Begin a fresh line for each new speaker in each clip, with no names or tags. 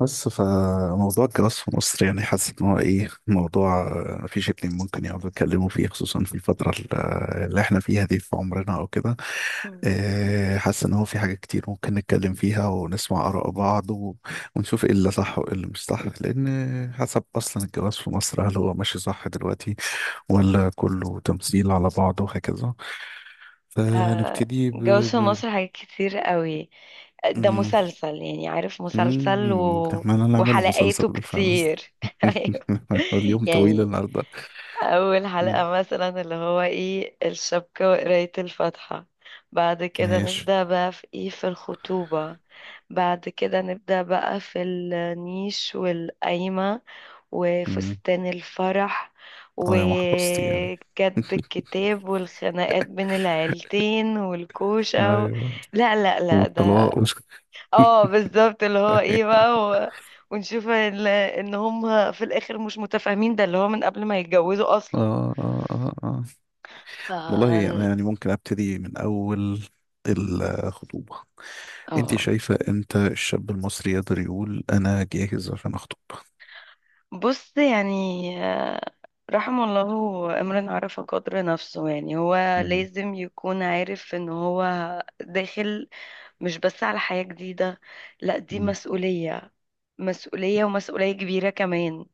بس فموضوع الجواز في مصر، يعني حاسس ان هو ايه، موضوع آه، مفيش اتنين ممكن يقعدوا يتكلموا فيه، خصوصا في اللي احنا فيها دي في عمرنا او كده.
مم.
آه، حاسس ان هو في حاجات كتير ممكن نتكلم فيها ونسمع آراء ونشوف ايه اللي صح وايه اللي مش صح، لان حسب اصلا الجواز في مصر هل هو ماشي صح دلوقتي ولا كله تمثيل على بعضه وهكذا. فنبتدي
جو في
ب...
مصر حاجات كتير قوي.
ب...
ده مسلسل، يعني عارف مسلسل
عمال نعمله مسلسل
وحلقاته
بالفعل.
كتير ايوه،
اليوم طويل
يعني
النهارده.
أول
مم.
حلقة مثلا اللي هو إيه الشبكة وقراية الفاتحة. بعد كده
ماشي.
نبدأ بقى في إيه في الخطوبة. بعد كده نبدأ بقى في النيش والقايمة
مم.
وفستان الفرح
اه يا محفظتي يعني،
وكتب الكتاب والخناقات بين العيلتين والكوشة
ايوه،
لا لا لا، ده
والطلاق
اه بالظبط اللي هو ايه بقى ونشوف ان هم في الاخر مش متفاهمين، ده اللي هو من قبل ما يتجوزوا اصلا.
اه اه اه اه.
ف
والله انا يعني ممكن ابتدي من اول الخطوبه. انت
اه
شايفه امتى الشاب المصري يقدر يقول انا جاهز عشان اخطب؟
بص يعني، آه، رحم الله امرئ عرف قدر نفسه. يعني هو
مم.
لازم يكون عارف ان هو داخل، مش بس على حياة جديدة، لا دي
مم.
مسؤولية، مسؤولية ومسؤولية كبيرة كمان.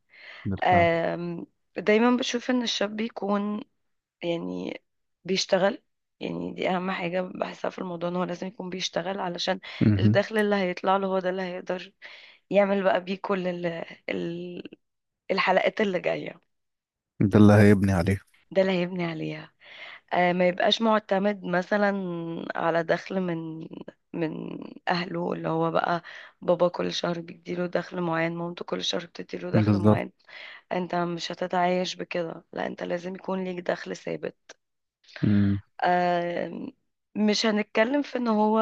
بالفعل.
آم، دايما بشوف ان الشاب بيكون، يعني، بيشتغل. يعني دي اهم حاجة بحسها في الموضوع، ان هو لازم يكون بيشتغل علشان
مهم.
الدخل اللي هيطلع له هو ده اللي هيقدر يعمل بقى بيه كل ال- الحلقات اللي جاية.
ده اللي هيبني عليه.
ده اللي هيبني عليها. آه، ما يبقاش معتمد مثلا على دخل من من أهله، اللي هو بقى بابا كل شهر بيديله دخل معين، مامته كل شهر بتديله دخل
بالظبط.
معين. انت مش هتتعايش بكده، لا انت لازم يكون ليك دخل ثابت.
مم.
آم، مش هنتكلم في ان هو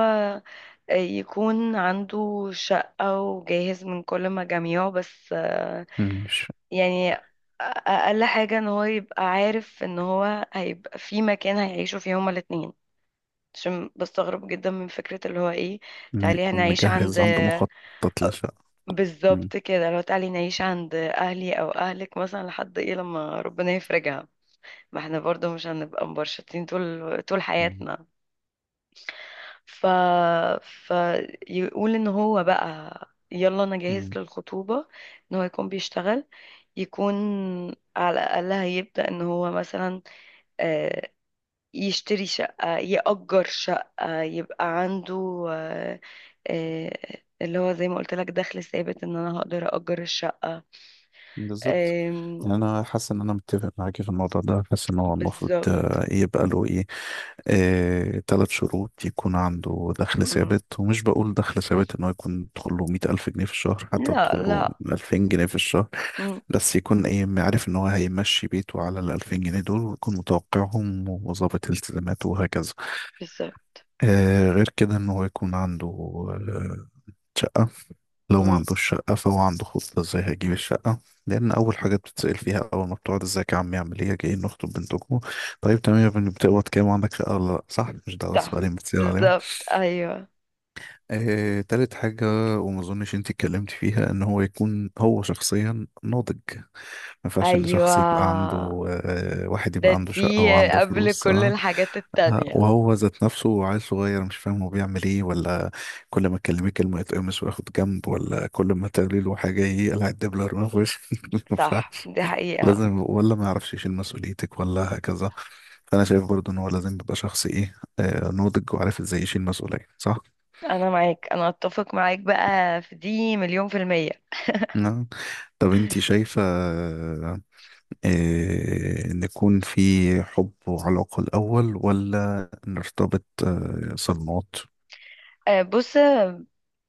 يكون عنده شقة وجاهز من كل مجاميعه، بس
مم. مش
يعني اقل حاجة ان هو يبقى عارف ان هو هيبقى في مكان هيعيشوا فيه هما الاتنين. عشان بستغرب جدا من فكرة اللي هو ايه،
ما
تعالي
يكون
هنعيش عند
مجهز عنده مخطط. مم.
بالظبط كده، لو تعالي نعيش عند اهلي او اهلك مثلا لحد ايه، لما ربنا يفرجها. ما احنا برضو مش هنبقى مبرشطين طول طول
مم.
حياتنا. ف... فيقول ان هو بقى يلا انا جاهز
مم.
للخطوبة، ان هو يكون بيشتغل، يكون على الأقل هيبدأ ان هو مثلا، آه، يشتري شقة يأجر شقة يبقى عنده، اللي هو زي ما قلت لك، دخل ثابت، ان انا هقدر أأجر الشقة.
بالظبط.
آم،
يعني انا حاسس ان انا متفق معاكي في الموضوع ده، حاسس ان هو المفروض
بالظبط.
آه، يبقى له ايه، ثلاث شروط. يكون عنده دخل
مم.
ثابت، ومش بقول دخل ثابت ان هو يكون بيدخل له 100,000 جنيه في الشهر، حتى
لا
بيدخل له
لا.
2,000 جنيه في الشهر،
مم،
بس يكون ايه، عارف ان هو هيمشي بيته على ال 2,000 جنيه دول، ويكون متوقعهم وظابط التزاماته وهكذا.
بالظبط.
آه، غير كده ان هو يكون عنده آه، شقة. لو ما
مم،
عندوش شقة فهو عنده خطة ازاي هيجيب الشقة. لأن أول حاجة بتتسأل فيها أول ما بتقعد: ازيك يا عم، يعمل ايه، جايين نخطب بنتكم، طيب تمام يا ابني، بتقبض كام، وعندك شقة ولا لأ؟ صح؟ مش ده أول
صح،
سؤالين بتسأل عليهم؟
بالظبط، ايوه.
آه، تالت حاجة وما اظنش انت اتكلمت فيها، ان هو يكون هو شخصيا ناضج. ما ينفعش ان
ايوه،
شخص يبقى عنده آه، واحد
ده
يبقى عنده شقة
دي
وعنده
قبل
فلوس
كل
آه،
الحاجات
آه،
التانية.
وهو ذات نفسه عيل صغير، مش فاهم هو بيعمل ايه، ولا كل ما تكلميه كلمة يتقمص وياخد جنب، ولا كل ما تقولي له حاجة يقلع الدبلة من وشه.
صح، دي حقيقة.
لازم، ولا ما يعرفش يشيل مسؤوليتك ولا هكذا. فانا شايف برضو ان هو لازم يبقى شخص ايه آه، ناضج وعارف ازاي يشيل مسؤولية، صح؟
أنا معاك، أنا أتفق معاك بقى في دي مليون في المية.
نعم. طب انتي شايفة آه، نكون في حب وعلاقة الأول، ولا نرتبط آه، صدمات؟
بص،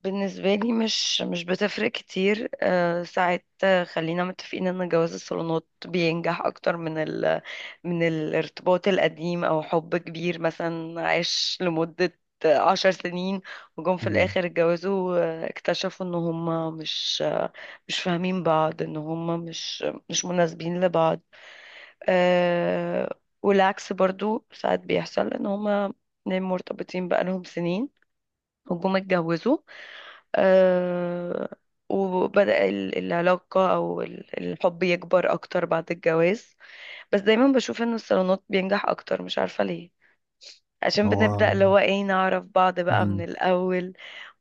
بالنسبة لي مش بتفرق كتير، ساعات، خلينا متفقين ان جواز الصالونات بينجح اكتر من من الارتباط القديم او حب كبير مثلا عاش لمدة 10 سنين، وجم في
مم.
الاخر اتجوزوا، اكتشفوا ان هم مش فاهمين بعض، ان هم مش مناسبين لبعض. آه، والعكس برضو ساعات بيحصل، ان هم اتنين مرتبطين بقالهم سنين، وجم اتجوزوا، آه، وبدأ العلاقة أو الحب يكبر أكتر بعد الجواز. بس دايما بشوف إن الصالونات بينجح أكتر، مش عارفة ليه، عشان بنبدأ
هو
اللي هو إيه نعرف بعض بقى من
مم.
الأول.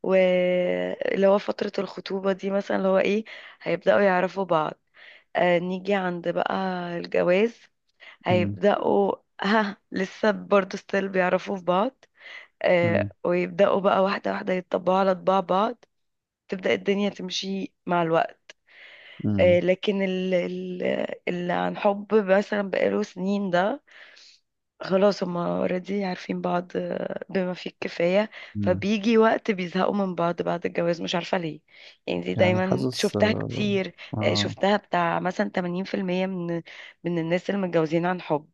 واللي هو فترة الخطوبة دي مثلا، اللي هو إيه، هيبدأوا يعرفوا بعض. آه، نيجي عند بقى الجواز،
مم.
هيبدأوا ها، لسه برضه ستيل بيعرفوا في بعض.
مم.
آه، ويبدأوا بقى واحدة واحدة يتطبعوا على طباع بعض، تبدأ الدنيا تمشي مع الوقت.
مم.
لكن اللي عن حب مثلا بقاله سنين ده، خلاص هما اوريدي عارفين بعض بما فيه الكفاية،
مم.
فبيجي وقت بيزهقوا من بعض بعد الجواز، مش عارفة ليه، يعني دي
يعني
دايما
حاسس
شفتها
آه،
كتير.
آه.
شفتها بتاع مثلا 80% من الناس اللي متجوزين عن حب.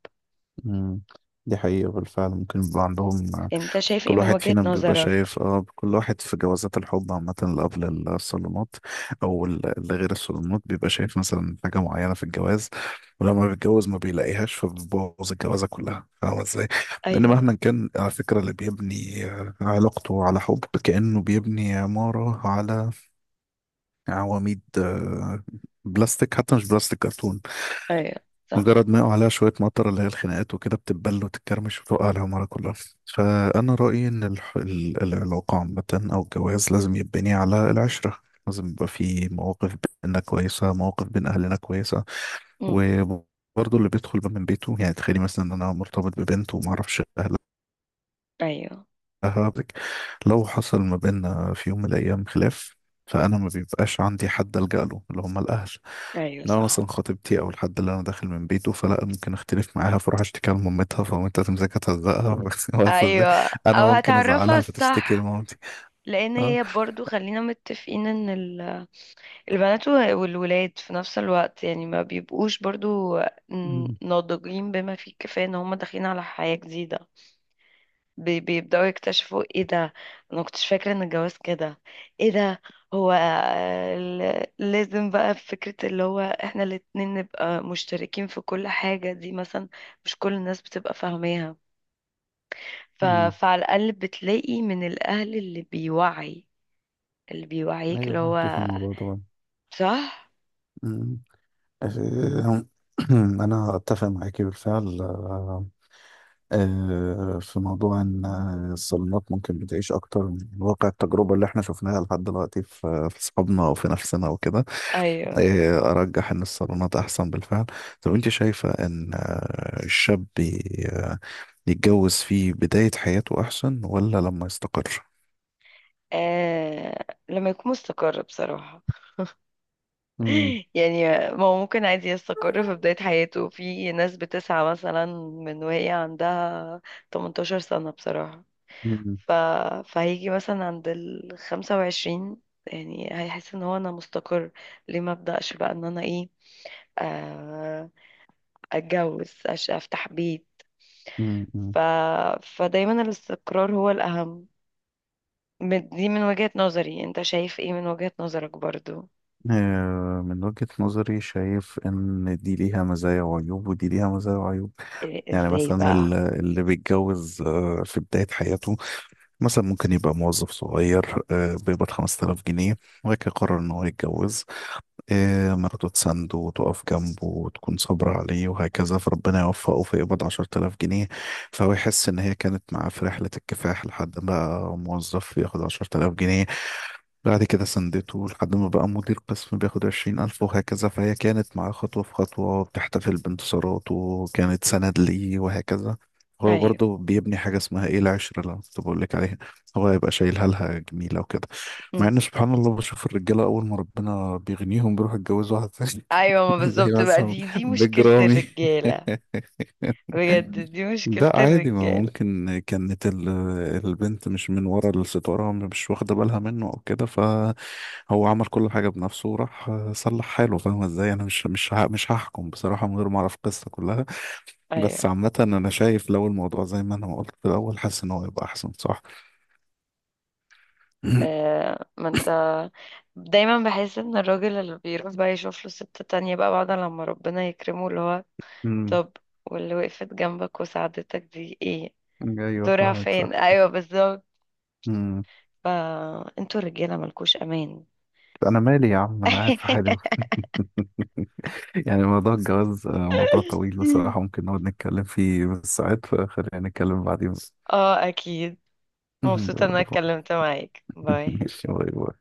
مم. دي حقيقة بالفعل، ممكن يبقى عندهم.
انت شايف ايه
كل
من
واحد
وجهة
فينا بيبقى
نظرك؟
شايف، اه، كل واحد في جوازات الحب عامة اللي قبل الصالونات اللي غير الصالونات، بيبقى شايف مثلا حاجة معينة في الجواز، ولما بيتجوز ما بيلاقيهاش، فبيبوظ الجوازة كلها، فاهم ازاي؟ لأن
ايوه،
مهما كان، على فكرة، اللي بيبني آه، علاقته على حب، كأنه بيبني عمارة على عواميد آه، بلاستيك. حتى مش بلاستيك، كرتون.
ايوه، صح.
مجرد ما يقع عليها شوية مطر، اللي هي الخناقات وكده، بتتبل وتتكرمش وتقع عليها مرة كلها. فأنا رأيي إن العلاقة عامة أو الجواز لازم يتبني على العشرة. لازم يبقى في مواقف بينا كويسة، مواقف بين أهلنا كويسة.
مم.
وبرضه اللي بيدخل بقى من بيته، يعني تخيلي مثلا إن أنا مرتبط ببنت ومعرفش أهلها،
ايوه،
لو حصل ما بيننا في يوم من الأيام خلاف، فأنا ما بيبقاش عندي حد ألجأ له اللي هم الأهل.
ايوه،
إن انا مثلا
صح.
خطيبتي او الحد اللي انا داخل من بيته، فلا ممكن اختلف معاها فاروح اشتكي لمامتها، فمامتها تمسكها تهزقها. بس ازاي،
ايوه،
انا
او
ممكن
هتعرفها
ازعلها فتشتكي
الصح.
لمامتي.
لان
اه.
هي برضو خلينا متفقين ان البنات والولاد في نفس الوقت، يعني ما بيبقوش برضو
مم.
ناضجين بما فيه الكفاية، ان هم داخلين على حياة جديدة. بيبدأوا يكتشفوا ايه ده، انا كنتش فاكرة ان الجواز كده، ايه ده، هو لازم بقى، فكرة اللي هو احنا الاتنين نبقى مشتركين في كل حاجة دي مثلا، مش كل الناس بتبقى فاهماها.
مم.
فعلى الأقل بتلاقي من الأهل اللي بيوعي، اللي بيوعيك،
ايوه،
اللي
معاكي في
هو
الموضوع طبعا.
صح،
مم. آه، انا اتفق معاكي بالفعل آه، آه، في موضوع ان آه، الصالونات ممكن بتعيش اكتر من واقع التجربه اللي احنا شفناها لحد دلوقتي في في اصحابنا وفي نفسنا وكده.
ايوه.
آه، ارجح ان الصالونات احسن بالفعل. طب انت شايفه ان الشاب ي- يتجوز في بداية حياته أحسن ولا لما يستقر؟
لما يكون مستقر بصراحة.
مم.
يعني ما هو ممكن عادي يستقر في بداية حياته، في ناس بتسعى مثلا من وهي عندها 18 سنة بصراحة.
مم.
ف... فهيجي مثلا عند ال 25، يعني هيحس ان هو انا مستقر، ليه ما ابدأش بقى ان انا ايه، آه... اتجوز، افتح بيت.
مم. مم.
ف... فدايما الاستقرار هو الأهم. دي من وجهة نظري، انت شايف ايه من وجهة نظرك برضو؟
آه، من وجهة نظري شايف إن دي ليها مزايا وعيوب، ودي ليها مزايا وعيوب. يعني
ازاي
مثلا
بقى؟
اللي بيتجوز آه، في بداية حياته، مثلا ممكن يبقى موظف صغير آه، بيقبض 5,000 جنيه، وبعد كده قرر إن هو يتجوز. إيه، مراته تسنده وتقف جنبه وتكون صابرة عليه وهكذا، فربنا يوفقه فيقبض 10,000 جنيه. فهو يحس إن هي كانت معاه في رحلة الكفاح لحد ما موظف ياخد 10,000 جنيه، بعد كده سندته لحد ما بقى مدير قسم بياخد 20,000 وهكذا. فهي كانت معاه خطوة في خطوة، بتحتفل بانتصاراته، كانت سند ليه وهكذا. هو
ايوه.
برضه بيبني حاجة اسمها ايه، العشرة، اللي أنا كنت بقول لك عليها. هو هيبقى شايلها لها جميلة وكده. مع
مم.
إن سبحان الله، بشوف الرجالة أول ما ربنا بيغنيهم بيروحوا يتجوزوا واحد ثاني.
ايوه، ما
زي
بالظبط بقى،
مثلا
دي مشكلة
بجرامي.
الرجالة. بجد دي مشكلة
ده عادي. ما هو
الرجالة.
ممكن كانت البنت مش من ورا الستارة، مش واخدة بالها منه أو كده، فهو عمل كل حاجة بنفسه وراح صلح حاله. فاهمة ازاي؟ أنا مش هحكم بصراحة من غير ما أعرف القصة كلها. بس
ايوه،
عامة أنا شايف لو الموضوع زي ما أنا قلت في الأول، حاسس إن هو يبقى أحسن، صح؟
آه، ما انت، دايما بحس ان الراجل اللي بيروح بقى يشوف له ست تانية بقى بعد لما ربنا يكرمه، اللي هو
أمم،
طب، واللي وقفت جنبك وساعدتك دي ايه
أيوه
دورها
فاهمك،
فين؟
صح.
ايوه بالظبط،
أمم،
فانتوا الرجالة ملكوش امان.
أنا مالي يا عم، أنا قاعد في حالي. يعني موضوع الجواز آه، موضوع طويل بصراحة، ممكن نقعد نتكلم فيه بالساعات، فخلينا نتكلم بعدين.
اه اكيد. مبسوطة ان انا اتكلمت معاك. باي.
ماشي، باي باي.